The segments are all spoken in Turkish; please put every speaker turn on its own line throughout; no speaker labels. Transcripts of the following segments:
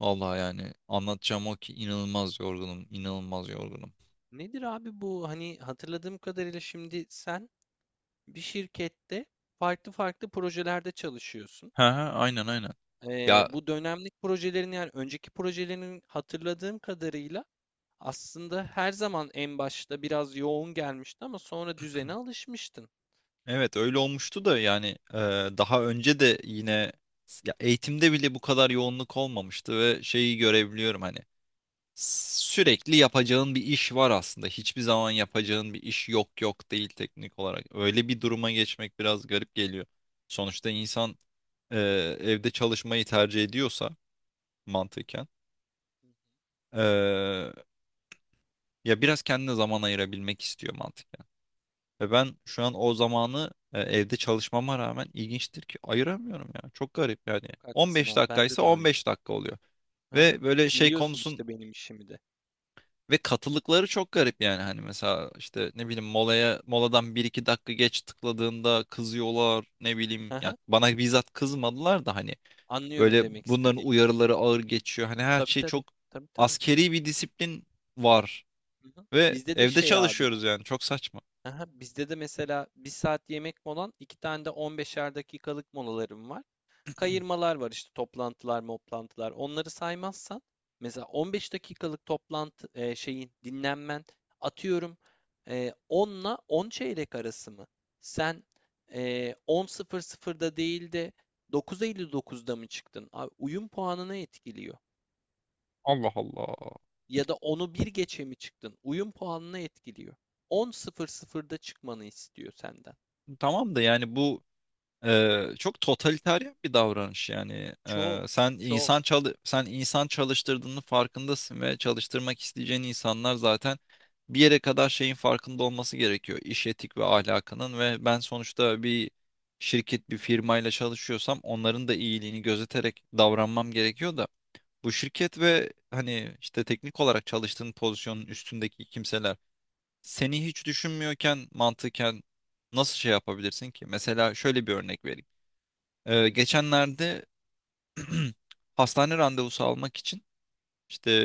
Vallahi yani anlatacağım o ki inanılmaz yorgunum, inanılmaz yorgunum.
Nedir abi bu? Hani hatırladığım kadarıyla şimdi sen bir şirkette farklı farklı projelerde çalışıyorsun.
He he aynen aynen.
Ee,
Ya
bu dönemlik projelerin, yani önceki projelerin hatırladığım kadarıyla aslında her zaman en başta biraz yoğun gelmişti ama sonra düzene alışmıştın.
evet öyle olmuştu da yani e, daha önce de yine ya eğitimde bile bu kadar yoğunluk olmamıştı ve şeyi
Hmm,
görebiliyorum hani sürekli yapacağın bir iş var aslında. Hiçbir zaman yapacağın bir iş yok yok değil teknik olarak. Öyle bir duruma geçmek biraz garip geliyor. Sonuçta insan e, evde çalışmayı tercih ediyorsa mantıken. Ya biraz kendine zaman ayırabilmek istiyor mantıken. Ve ben şu an o zamanı evde çalışmama rağmen ilginçtir ki ayıramıyorum ya. Çok garip yani.
çok haklısın
15
abi. Bende
dakikaysa
de aynı.
15 dakika oluyor.
Aha.
Ve böyle şey
Biliyorsun
konusun
işte benim işimi de.
ve katılıkları çok garip yani. Hani mesela işte ne bileyim moladan bir iki dakika geç tıkladığında kızıyorlar. Ne bileyim ya
Aha.
bana bizzat kızmadılar da hani
Anlıyorum
böyle
demek
bunların
istediğini.
uyarıları ağır geçiyor. Hani her
Tabii,
şey çok
tabii. Tabii, tabii.
askeri bir disiplin var.
Hı hı.
Ve
Bizde de
evde
şey abi.
çalışıyoruz yani çok saçma.
Aha, bizde de mesela bir saat yemek molan, iki tane de 15'er dakikalık molalarım var. Kayırmalar var işte, toplantılar, moplantılar. Onları saymazsan mesela 15 dakikalık toplantı, şeyin dinlenmen, atıyorum, 10'la 10 çeyrek arası mı? Sen, e, 10.00'da değil de 9.59'da mı çıktın? Abi, uyum puanını etkiliyor.
Allah Allah.
Ya da onu bir geçe mi çıktın? Uyum puanını etkiliyor. 10.00'da çıkmanı istiyor senden.
Tamam da yani bu çok totalitarian bir davranış yani.
Çok,
E, sen
çok.
insan çalı sen insan çalıştırdığının farkındasın ve çalıştırmak isteyeceğin insanlar zaten bir yere kadar şeyin farkında olması gerekiyor. İş etik ve ahlakının ve ben sonuçta bir firmayla çalışıyorsam onların da iyiliğini gözeterek davranmam gerekiyor da bu şirket ve hani işte teknik olarak çalıştığın pozisyonun üstündeki kimseler seni hiç düşünmüyorken mantıken nasıl şey yapabilirsin ki? Mesela şöyle bir örnek vereyim. Geçenlerde hastane randevusu almak için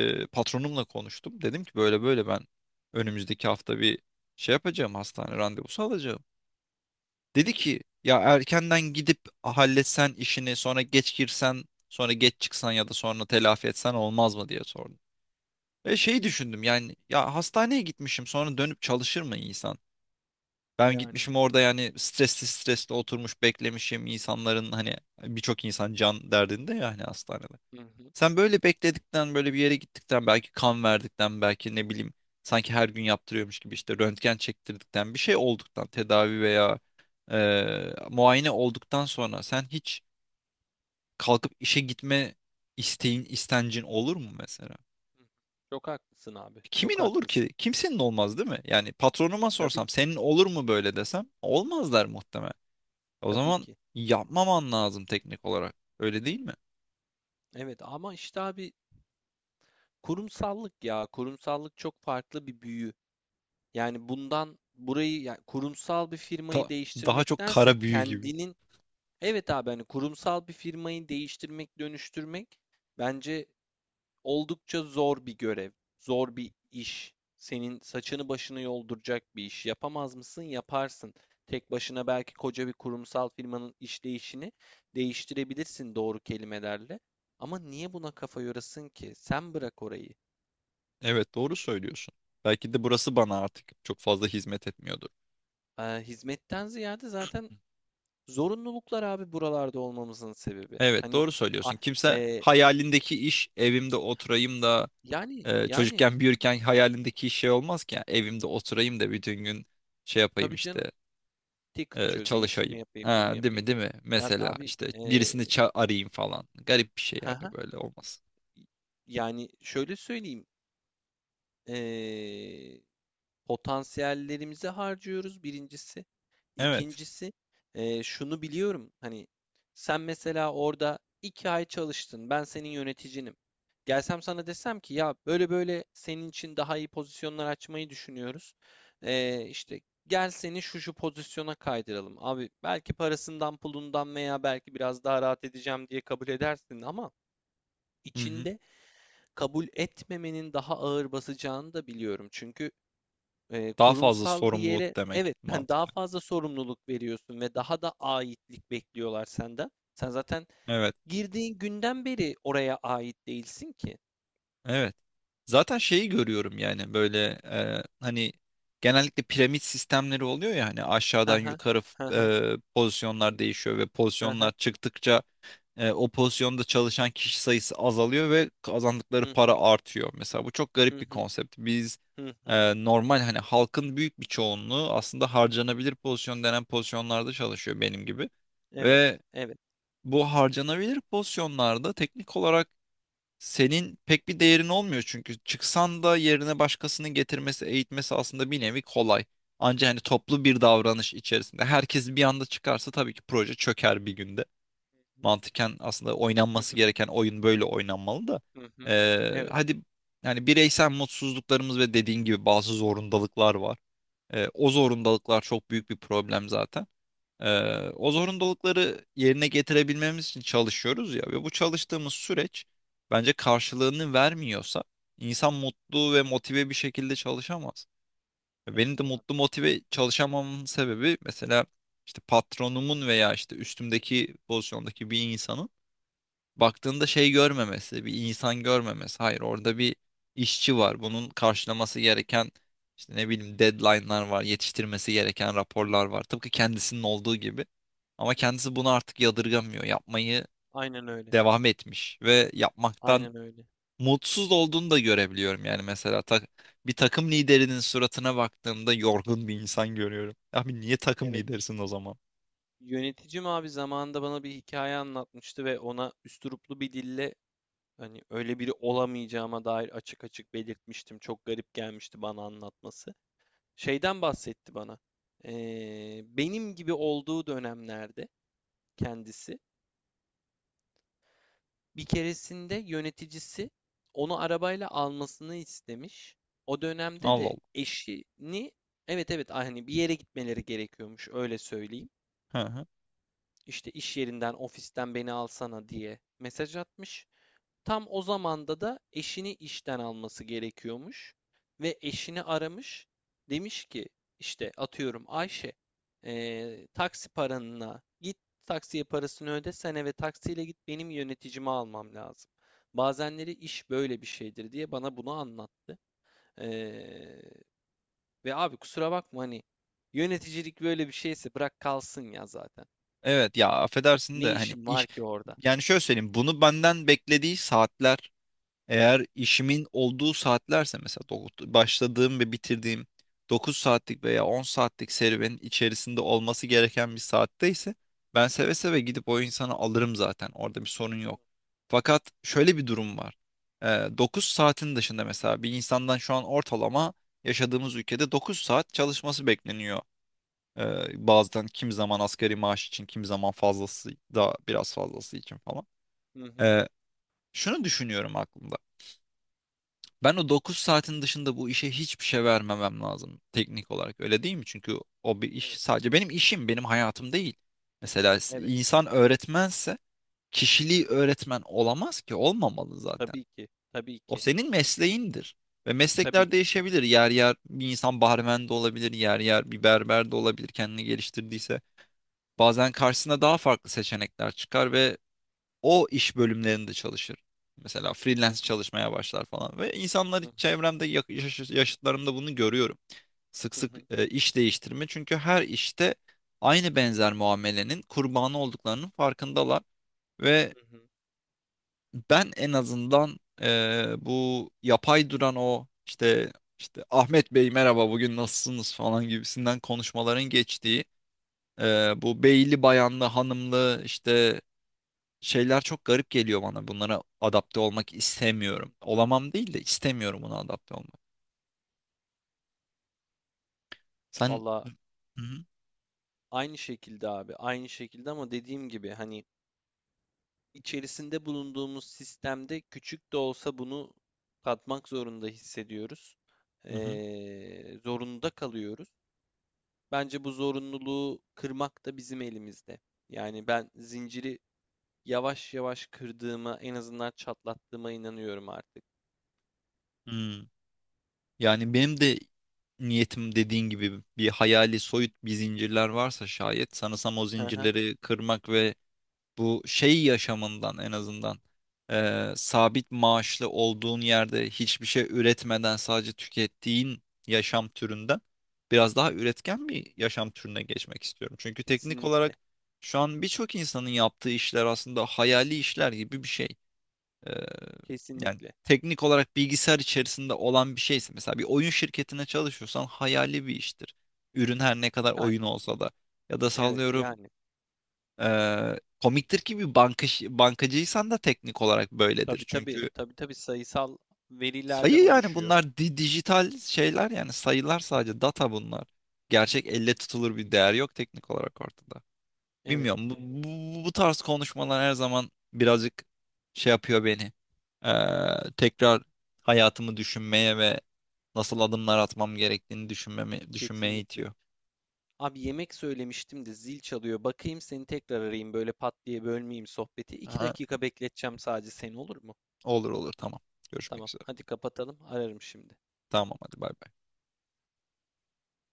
Hı hı.
patronumla konuştum. Dedim ki böyle böyle ben önümüzdeki hafta bir şey yapacağım, hastane randevusu alacağım. Dedi ki ya erkenden gidip halletsen işini sonra geç girsen sonra geç çıksan ya da sonra telafi etsen olmaz mı diye sordum. Ve şey düşündüm yani ya hastaneye gitmişim sonra dönüp çalışır mı insan? Ben
Yani.
gitmişim orada yani stresli stresli oturmuş beklemişim insanların hani birçok insan can derdinde ya hani hastanede.
Hı hı. Hı
Sen böyle bekledikten böyle bir yere gittikten belki kan verdikten belki ne bileyim sanki her gün yaptırıyormuş gibi işte röntgen çektirdikten bir şey olduktan tedavi veya muayene olduktan sonra sen hiç kalkıp işe gitme isteğin istencin olur mu mesela?
hı. Çok haklısın abi.
Kimin
Çok
olur ki?
haklısın.
Kimsenin olmaz değil mi? Yani patronuma
Tabii
sorsam
ki.
senin olur mu böyle desem olmazlar muhtemelen. O
Tabii
zaman
ki.
yapmaman lazım teknik olarak. Öyle değil mi?
Evet ama işte abi, kurumsallık ya. Kurumsallık çok farklı bir büyü. Yani bundan burayı, yani kurumsal bir firmayı
Daha çok
değiştirmektense
kara büyü gibi.
kendinin evet abi, hani kurumsal bir firmayı değiştirmek, dönüştürmek bence oldukça zor bir görev, zor bir iş. Senin saçını başını yolduracak bir iş. Yapamaz mısın? Yaparsın. Tek başına belki koca bir kurumsal firmanın işleyişini değiştirebilirsin, doğru kelimelerle. Ama niye buna kafa yorasın ki? Sen bırak orayı.
Evet doğru söylüyorsun. Belki de burası bana artık çok fazla hizmet etmiyordur.
Hizmetten ziyade zaten zorunluluklar abi buralarda olmamızın sebebi.
Evet
Hani
doğru
a-
söylüyorsun. Kimse
e,
hayalindeki iş evimde oturayım da
yani yani
çocukken büyürken hayalindeki iş şey olmaz ki. Yani evimde oturayım da bütün gün şey yapayım
tabii canım,
işte
ticket çözeyim, şunu
çalışayım.
yapayım, bunu
Ha, değil
yapayım.
mi değil mi?
Abi,
Mesela
abi
işte birisini arayayım falan. Garip bir şey yani böyle olmaz.
yani şöyle söyleyeyim, eee, potansiyellerimizi harcıyoruz birincisi.
Evet.
İkincisi, şunu biliyorum hani, sen mesela orada iki ay çalıştın, ben senin yöneticinim. Gelsem sana desem ki ya böyle böyle senin için daha iyi pozisyonlar açmayı düşünüyoruz. İşte gel seni şu şu pozisyona kaydıralım. Abi, belki parasından pulundan veya belki biraz daha rahat edeceğim diye kabul edersin ama
Hı hı.
içinde kabul etmemenin daha ağır basacağını da biliyorum. Çünkü
Daha fazla
kurumsal bir yere,
sorumluluk demek
evet, hani, daha
mantıklı.
fazla sorumluluk veriyorsun ve daha da aitlik bekliyorlar senden. Sen zaten
Evet.
girdiğin günden beri oraya ait değilsin ki.
Evet. Zaten şeyi görüyorum yani böyle hani genellikle piramit sistemleri oluyor ya hani
Hı
aşağıdan
hı
yukarı
hı hı
pozisyonlar değişiyor ve
hı
pozisyonlar
hı
çıktıkça o pozisyonda çalışan kişi sayısı azalıyor ve kazandıkları para
hı
artıyor. Mesela bu çok
hı
garip bir
hı
konsept. Biz
hı hı hı.
normal hani halkın büyük bir çoğunluğu aslında harcanabilir pozisyon denen pozisyonlarda çalışıyor benim gibi.
Evet,
Ve
evet.
bu harcanabilir pozisyonlarda teknik olarak senin pek bir değerin olmuyor çünkü çıksan da yerine başkasının getirmesi, eğitmesi aslında bir nevi kolay. Ancak hani toplu bir davranış içerisinde herkes bir anda çıkarsa tabii ki proje çöker bir günde. Mantıken aslında
Hı
oynanması
hı
gereken oyun böyle oynanmalı da.
hı hı. Hı. Evet.
Hadi yani bireysel mutsuzluklarımız ve dediğin gibi bazı zorundalıklar var. O zorundalıklar çok büyük bir problem zaten. O zorunlulukları yerine getirebilmemiz için çalışıyoruz ya ve bu çalıştığımız süreç bence karşılığını vermiyorsa insan mutlu ve motive bir şekilde çalışamaz.
Tabii
Benim de
ki abi.
mutlu motive çalışamamın sebebi mesela işte patronumun veya işte üstümdeki pozisyondaki bir insanın baktığında şey görmemesi, bir insan görmemesi. Hayır, orada bir işçi var. Bunun karşılaması gereken işte ne bileyim deadline'lar var, yetiştirmesi gereken
Hı
raporlar var. Tıpkı kendisinin olduğu gibi. Ama
hı.
kendisi bunu artık yadırgamıyor. Yapmayı
Aynen öyle.
devam etmiş ve yapmaktan
Aynen öyle.
mutsuz olduğunu da görebiliyorum. Yani mesela bir takım liderinin suratına baktığımda yorgun bir insan görüyorum. Abi niye takım
Evet.
liderisin o zaman?
Yöneticim abi zamanında bana bir hikaye anlatmıştı ve ona üsturuplu bir dille hani öyle biri olamayacağıma dair açık açık belirtmiştim. Çok garip gelmişti bana anlatması. Şeyden bahsetti bana. Benim gibi olduğu dönemlerde kendisi, bir keresinde yöneticisi onu arabayla almasını istemiş. O dönemde
Allah
de
Allah.
eşini, evet evet, hani bir yere gitmeleri gerekiyormuş, öyle söyleyeyim.
Hı hı.
İşte iş yerinden, ofisten beni alsana diye mesaj atmış. Tam o zamanda da eşini işten alması gerekiyormuş ve eşini aramış. Demiş ki işte, atıyorum, Ayşe, taksi paranına git, taksiye parasını öde, sen eve taksiyle git, benim yöneticimi almam lazım. Bazenleri iş böyle bir şeydir diye bana bunu anlattı. Eee, ve abi, kusura bakma hani, yöneticilik böyle bir şeyse bırak kalsın ya zaten.
Evet ya affedersin
Ne
de hani
işim var
iş
ki orada?
yani şöyle söyleyeyim bunu benden beklediği saatler eğer işimin olduğu saatlerse mesela başladığım ve bitirdiğim 9 saatlik veya 10 saatlik serüvenin içerisinde olması gereken bir saatte ise ben seve seve gidip o insanı alırım, zaten orada bir sorun yok. Fakat şöyle bir durum var. Ee, 9 saatin dışında mesela bir insandan şu an ortalama yaşadığımız ülkede 9 saat çalışması bekleniyor. Bazen kim zaman asgari maaş için, kim zaman fazlası da biraz
Hı hı.
fazlası için falan.
Hı hı.
Ee, Şunu düşünüyorum aklımda. Ben o 9 saatin dışında bu işe hiçbir şey vermemem lazım teknik olarak. Öyle değil mi? Çünkü o bir iş
Evet.
sadece benim işim, benim hayatım değil. Mesela
Evet.
insan öğretmense kişiliği öğretmen olamaz ki, olmamalı zaten.
Tabii ki. Tabii
O
ki.
senin mesleğindir. Ve
Tabii
meslekler
ki.
değişebilir. Yer yer bir insan barmen de olabilir, yer yer bir berber de olabilir kendini geliştirdiyse. Bazen karşısına daha farklı seçenekler çıkar ve o iş bölümlerinde çalışır. Mesela
Hı
freelance
hı.
çalışmaya başlar falan ve insanlar
Hı hı.
çevremde yaşıtlarımda bunu görüyorum. Sık
Hı
sık
hı.
iş değiştirme çünkü her işte aynı benzer muamelenin kurbanı olduklarının farkındalar ve
Hı hı.
ben en azından bu yapay duran o işte Ahmet Bey merhaba bugün nasılsınız falan gibisinden konuşmaların geçtiği bu beyli bayanlı hanımlı işte şeyler çok garip geliyor bana. Bunlara adapte olmak istemiyorum. Olamam değil de istemiyorum buna adapte olmak. Hı
Valla,
hı,
aynı şekilde abi. Aynı şekilde ama dediğim gibi hani, içerisinde bulunduğumuz sistemde küçük de olsa bunu katmak zorunda hissediyoruz.
hı hı,
Zorunda kalıyoruz. Bence bu zorunluluğu kırmak da bizim elimizde. Yani ben zinciri yavaş yavaş kırdığıma, en azından çatlattığıma inanıyorum artık.
hı. Yani benim de niyetim dediğin gibi bir hayali soyut bir zincirler varsa şayet sanırsam o
Hı hı.
zincirleri kırmak ve bu şey yaşamından en azından sabit maaşlı olduğun yerde hiçbir şey üretmeden sadece tükettiğin yaşam türünden biraz daha üretken bir yaşam türüne geçmek istiyorum. Çünkü teknik
Kesinlikle.
olarak şu an birçok insanın yaptığı işler aslında hayali işler gibi bir şey. Eee, Yani
Kesinlikle.
teknik olarak bilgisayar içerisinde olan bir şeyse mesela bir oyun şirketine çalışıyorsan hayali bir iştir. Ürün her ne kadar
Yani,
oyun olsa da ya da
evet,
sallıyorum
yani.
komiktir ki bankacıysan da teknik olarak böyledir.
Tabii, tabii.
Çünkü
Tabii, tabii, sayısal verilerden
sayı yani
oluşuyor.
bunlar dijital şeyler yani sayılar sadece data bunlar. Gerçek elle tutulur bir değer yok teknik olarak ortada.
Evet,
Bilmiyorum bu tarz konuşmalar her zaman birazcık şey yapıyor beni. Tekrar hayatımı düşünmeye ve nasıl adımlar atmam gerektiğini düşünmeme, düşünmeye
kesinlikle.
itiyor.
Abi, yemek söylemiştim de zil çalıyor. Bakayım, seni tekrar arayayım, böyle pat diye bölmeyeyim sohbeti. İki
Aha,
dakika bekleteceğim sadece seni, olur mu?
olur olur tamam. Görüşmek
Tamam,
üzere.
hadi kapatalım. Ararım şimdi.
Tamam hadi bay bay.